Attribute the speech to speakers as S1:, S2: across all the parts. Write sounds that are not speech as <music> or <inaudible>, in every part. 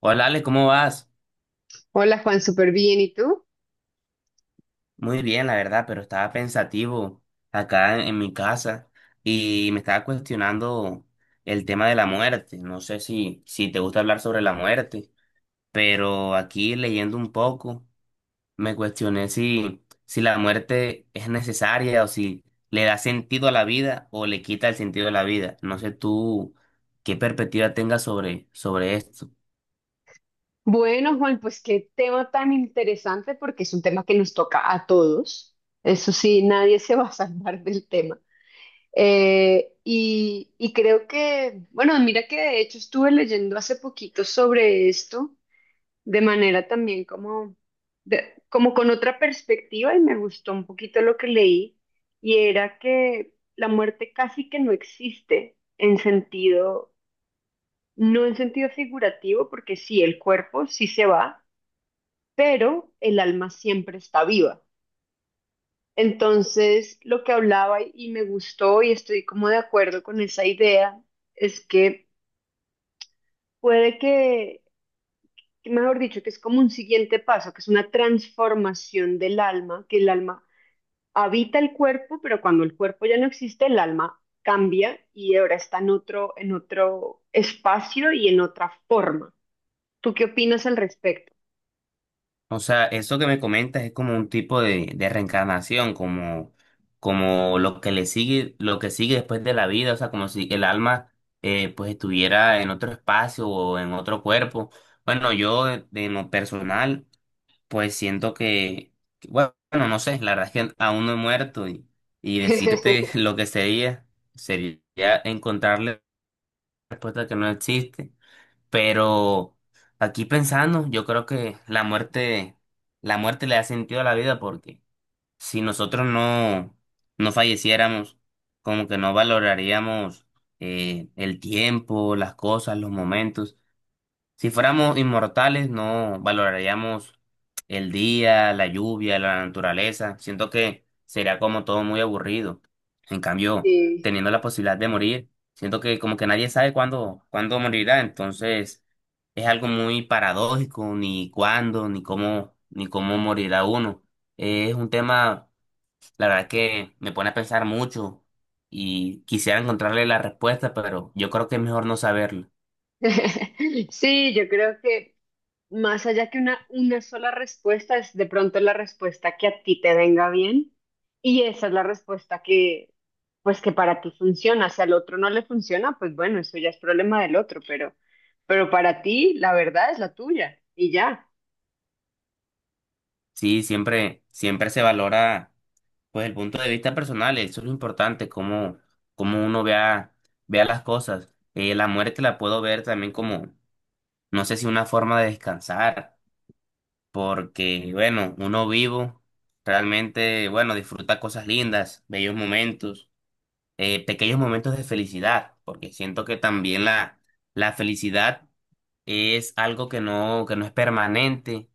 S1: Hola Ale, ¿cómo vas?
S2: Hola Juan, súper bien. ¿Y tú?
S1: Muy bien, la verdad, pero estaba pensativo acá en mi casa y me estaba cuestionando el tema de la muerte. No sé si te gusta hablar sobre la muerte, pero aquí leyendo un poco me cuestioné si la muerte es necesaria o si le da sentido a la vida o le quita el sentido a la vida. No sé tú qué perspectiva tengas sobre esto.
S2: Bueno, Juan, pues qué tema tan interesante porque es un tema que nos toca a todos. Eso sí, nadie se va a salvar <laughs> del tema. Y creo que, bueno, mira que de hecho estuve leyendo hace poquito sobre esto de manera también como, como con otra perspectiva y me gustó un poquito lo que leí, y era que la muerte casi que no existe en sentido. No en sentido figurativo, porque sí, el cuerpo sí se va, pero el alma siempre está viva. Entonces, lo que hablaba y me gustó y estoy como de acuerdo con esa idea es que puede que mejor dicho, que es como un siguiente paso, que es una transformación del alma, que el alma habita el cuerpo, pero cuando el cuerpo ya no existe, el alma cambia y ahora está en otro espacio y en otra forma. ¿Tú qué opinas al respecto?
S1: O sea, eso que me comentas es como un tipo de reencarnación, como, como lo que le sigue, lo que sigue después de la vida, o sea, como si el alma pues estuviera en otro espacio o en otro cuerpo. Bueno, yo de lo personal, pues siento que, bueno, no sé, la verdad es que aún no he muerto y decirte
S2: <laughs>
S1: <laughs> lo que sería, sería encontrarle respuesta que no existe. Pero aquí pensando, yo creo que la muerte le da sentido a la vida porque si nosotros no falleciéramos, como que no valoraríamos el tiempo, las cosas, los momentos. Si fuéramos inmortales, no valoraríamos el día, la lluvia, la naturaleza. Siento que sería como todo muy aburrido. En cambio,
S2: Sí.
S1: teniendo la posibilidad de morir, siento que como que nadie sabe cuándo morirá. Entonces, es algo muy paradójico, ni cuándo, ni cómo, ni cómo morirá uno. Es un tema, la verdad que me pone a pensar mucho y quisiera encontrarle la respuesta, pero yo creo que es mejor no saberlo.
S2: <laughs> Sí, yo creo que más allá que una sola respuesta, es de pronto la respuesta que a ti te venga bien, y esa es la respuesta que, pues que para ti funciona. Si al otro no le funciona, pues bueno, eso ya es problema del otro, pero para ti la verdad es la tuya y ya.
S1: Sí, siempre, siempre se valora pues el punto de vista personal, eso es lo importante, cómo, cómo uno vea, vea las cosas. La muerte la puedo ver también como, no sé si una forma de descansar, porque bueno, uno vivo realmente, bueno, disfruta cosas lindas, bellos momentos, pequeños momentos de felicidad, porque siento que también la felicidad es algo que que no es permanente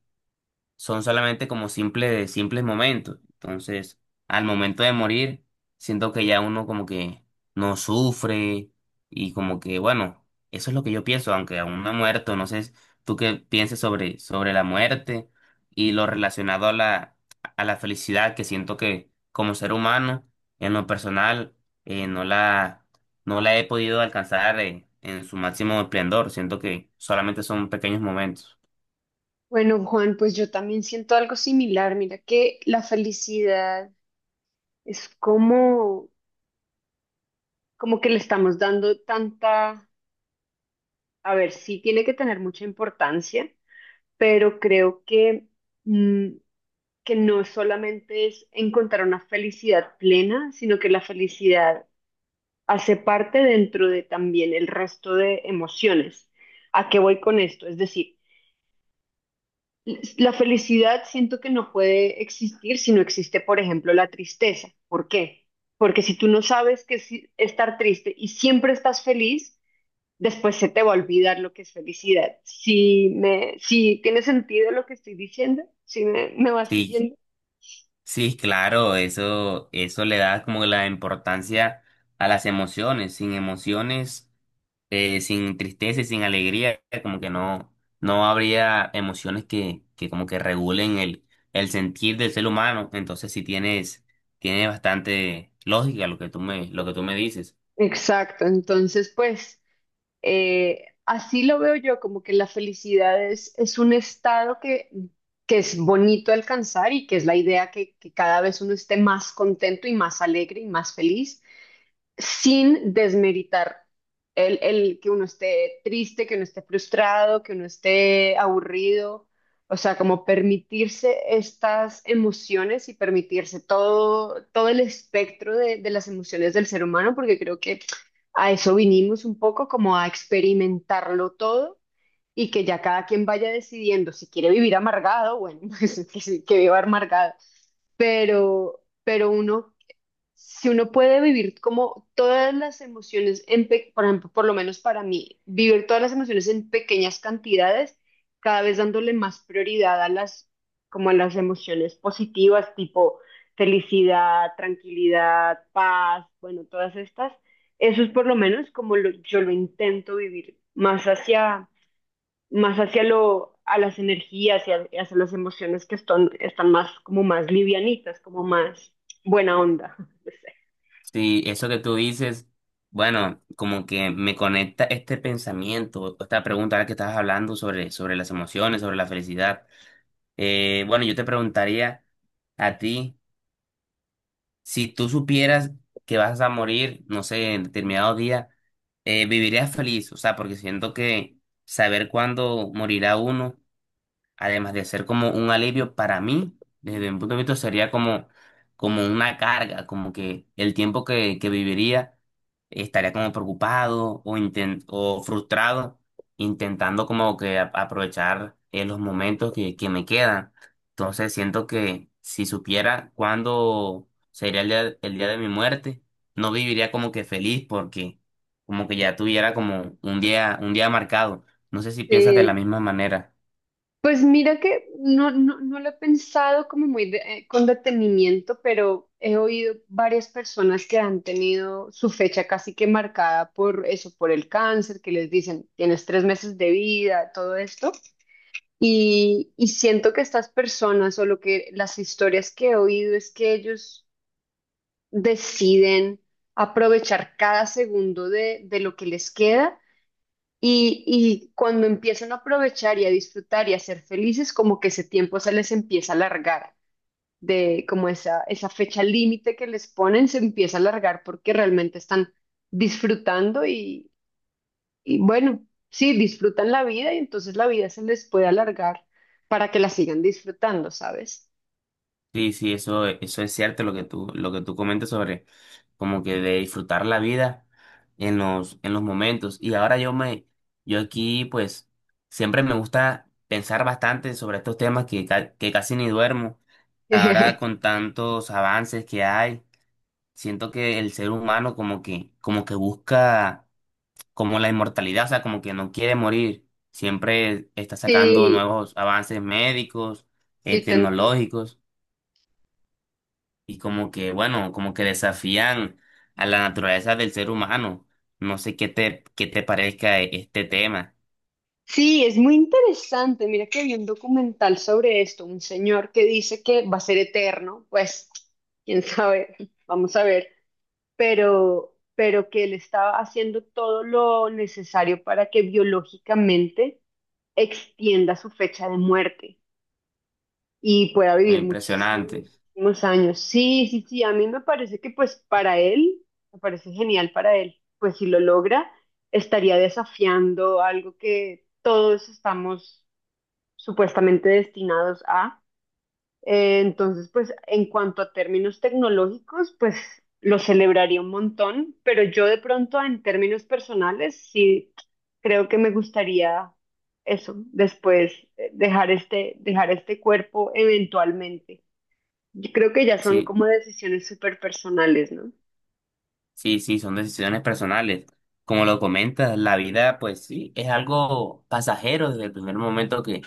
S1: son solamente como simples, simples momentos. Entonces, al momento de morir, siento que ya uno como que no sufre y como que, bueno, eso es lo que yo pienso, aunque aún no he muerto, no sé tú qué pienses sobre la muerte y lo relacionado a la felicidad que siento que como ser humano, en lo personal, no la he podido alcanzar, en su máximo esplendor. Siento que solamente son pequeños momentos.
S2: Bueno, Juan, pues yo también siento algo similar. Mira que la felicidad es como, como que le estamos dando tanta, a ver, sí tiene que tener mucha importancia, pero creo que, mm, que no solamente es encontrar una felicidad plena, sino que la felicidad hace parte dentro de también el resto de emociones. ¿A qué voy con esto? Es decir, la felicidad siento que no puede existir si no existe, por ejemplo, la tristeza. ¿Por qué? Porque si tú no sabes qué es estar triste y siempre estás feliz, después se te va a olvidar lo que es felicidad. Si tiene sentido lo que estoy diciendo, si me, me vas
S1: Si,
S2: siguiendo.
S1: sí, claro, eso le da como la importancia a las emociones. Sin emociones, sin tristeza y sin alegría, como que no habría emociones que como que regulen el sentir del ser humano. Entonces sí tiene bastante lógica lo que tú me dices.
S2: Exacto, entonces pues así lo veo yo, como que la felicidad es un estado que es bonito alcanzar y que es la idea que cada vez uno esté más contento y más alegre y más feliz, sin desmeritar el que uno esté triste, que uno esté frustrado, que uno esté aburrido, o sea, como permitirse estas emociones y permitirse todo, todo el espectro de las emociones del ser humano, porque creo que a eso vinimos un poco, como a experimentarlo todo. Y que ya cada quien vaya decidiendo si quiere vivir amargado, bueno, <laughs> pues que, sí, que viva amargado, pero uno, si uno puede vivir como todas las emociones, por ejemplo, por lo menos para mí, vivir todas las emociones en pequeñas cantidades, cada vez dándole más prioridad a las, como a las emociones positivas, tipo felicidad, tranquilidad, paz, bueno, todas estas, eso es por lo menos como yo lo intento vivir, más hacia lo, a las energías y hacia las emociones que están, están más, como más livianitas, como más buena onda. <laughs>
S1: Sí, eso que tú dices, bueno, como que me conecta este pensamiento, esta pregunta ahora que estabas hablando sobre las emociones, sobre la felicidad. Bueno, yo te preguntaría a ti, si tú supieras que vas a morir, no sé, en determinado día, ¿vivirías feliz? O sea, porque siento que saber cuándo morirá uno además de ser como un alivio para mí, desde mi punto de vista sería como, como una carga, como que el tiempo que viviría estaría como preocupado o frustrado, intentando como que aprovechar los momentos que me quedan. Entonces siento que si supiera cuándo sería el día de mi muerte, no viviría como que feliz porque como que ya tuviera como un día marcado. No sé si piensas de la
S2: Sí,
S1: misma manera.
S2: pues mira que no, no, no lo he pensado como muy con detenimiento, pero he oído varias personas que han tenido su fecha casi que marcada por eso, por el cáncer, que les dicen, tienes tres meses de vida, todo esto. Y siento que estas personas o lo que las historias que he oído es que ellos deciden aprovechar cada segundo de lo que les queda. Y cuando empiezan a aprovechar y a disfrutar y a ser felices, como que ese tiempo se les empieza a alargar, de como esa fecha límite que les ponen se empieza a alargar porque realmente están disfrutando y bueno, sí, disfrutan la vida y entonces la vida se les puede alargar para que la sigan disfrutando, ¿sabes?
S1: Sí, sí, eso es cierto lo que tú comentas sobre como que de disfrutar la vida en los momentos. Y ahora yo yo aquí pues siempre me gusta pensar bastante sobre estos temas que casi ni duermo. Ahora
S2: <laughs>
S1: con tantos avances que hay, siento que el ser humano como que busca como la inmortalidad, o sea, como que no quiere morir. Siempre está sacando
S2: Sí,
S1: nuevos avances médicos,
S2: sí, te…
S1: tecnológicos y como que, bueno, como que desafían a la naturaleza del ser humano. No sé qué te parezca este tema.
S2: Sí, es muy interesante. Mira que vi un documental sobre esto, un señor que dice que va a ser eterno, pues quién sabe, <laughs> vamos a ver, pero que él estaba haciendo todo lo necesario para que biológicamente extienda su fecha de muerte y pueda vivir muchísimos,
S1: Impresionante.
S2: muchísimos años. Sí, sí, sí, a mí me parece que pues para él, me parece genial para él, pues si lo logra, estaría desafiando algo que todos estamos supuestamente destinados a. Entonces, pues en cuanto a términos tecnológicos, pues lo celebraría un montón, pero yo de pronto en términos personales sí creo que me gustaría eso, después dejar este cuerpo eventualmente. Yo creo que ya son
S1: Sí,
S2: como decisiones súper personales, ¿no?
S1: sí, sí, son decisiones personales. Como lo comentas, la vida, pues sí, es algo pasajero desde el primer momento que,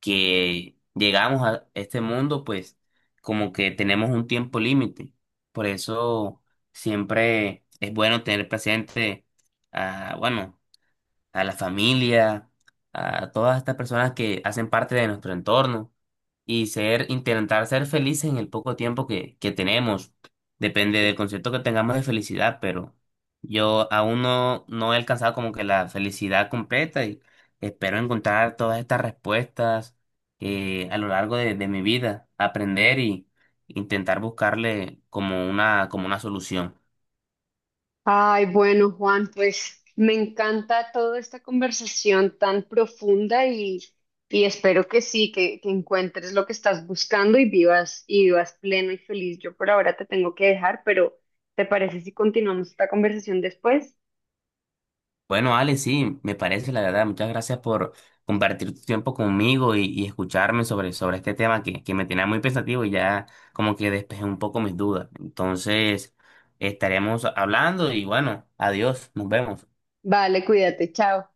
S1: que llegamos a este mundo, pues como que tenemos un tiempo límite. Por eso siempre es bueno tener presente, ah, bueno, a la familia, a todas estas personas que hacen parte de nuestro entorno y ser, intentar ser felices en el poco tiempo que tenemos. Depende del concepto que tengamos de felicidad, pero yo aún no he alcanzado como que la felicidad completa y espero encontrar todas estas respuestas a lo largo de mi vida, aprender y intentar buscarle como una solución.
S2: Ay, bueno, Juan, pues me encanta toda esta conversación tan profunda y espero que sí, que encuentres lo que estás buscando y vivas pleno y feliz. Yo por ahora te tengo que dejar, pero ¿te parece si continuamos esta conversación después?
S1: Bueno, Ale, sí, me parece, la verdad. Muchas gracias por compartir tu tiempo conmigo y escucharme sobre este tema que me tenía muy pensativo y ya como que despejé un poco mis dudas. Entonces, estaremos hablando y bueno, adiós, nos vemos.
S2: Vale, cuídate, chao.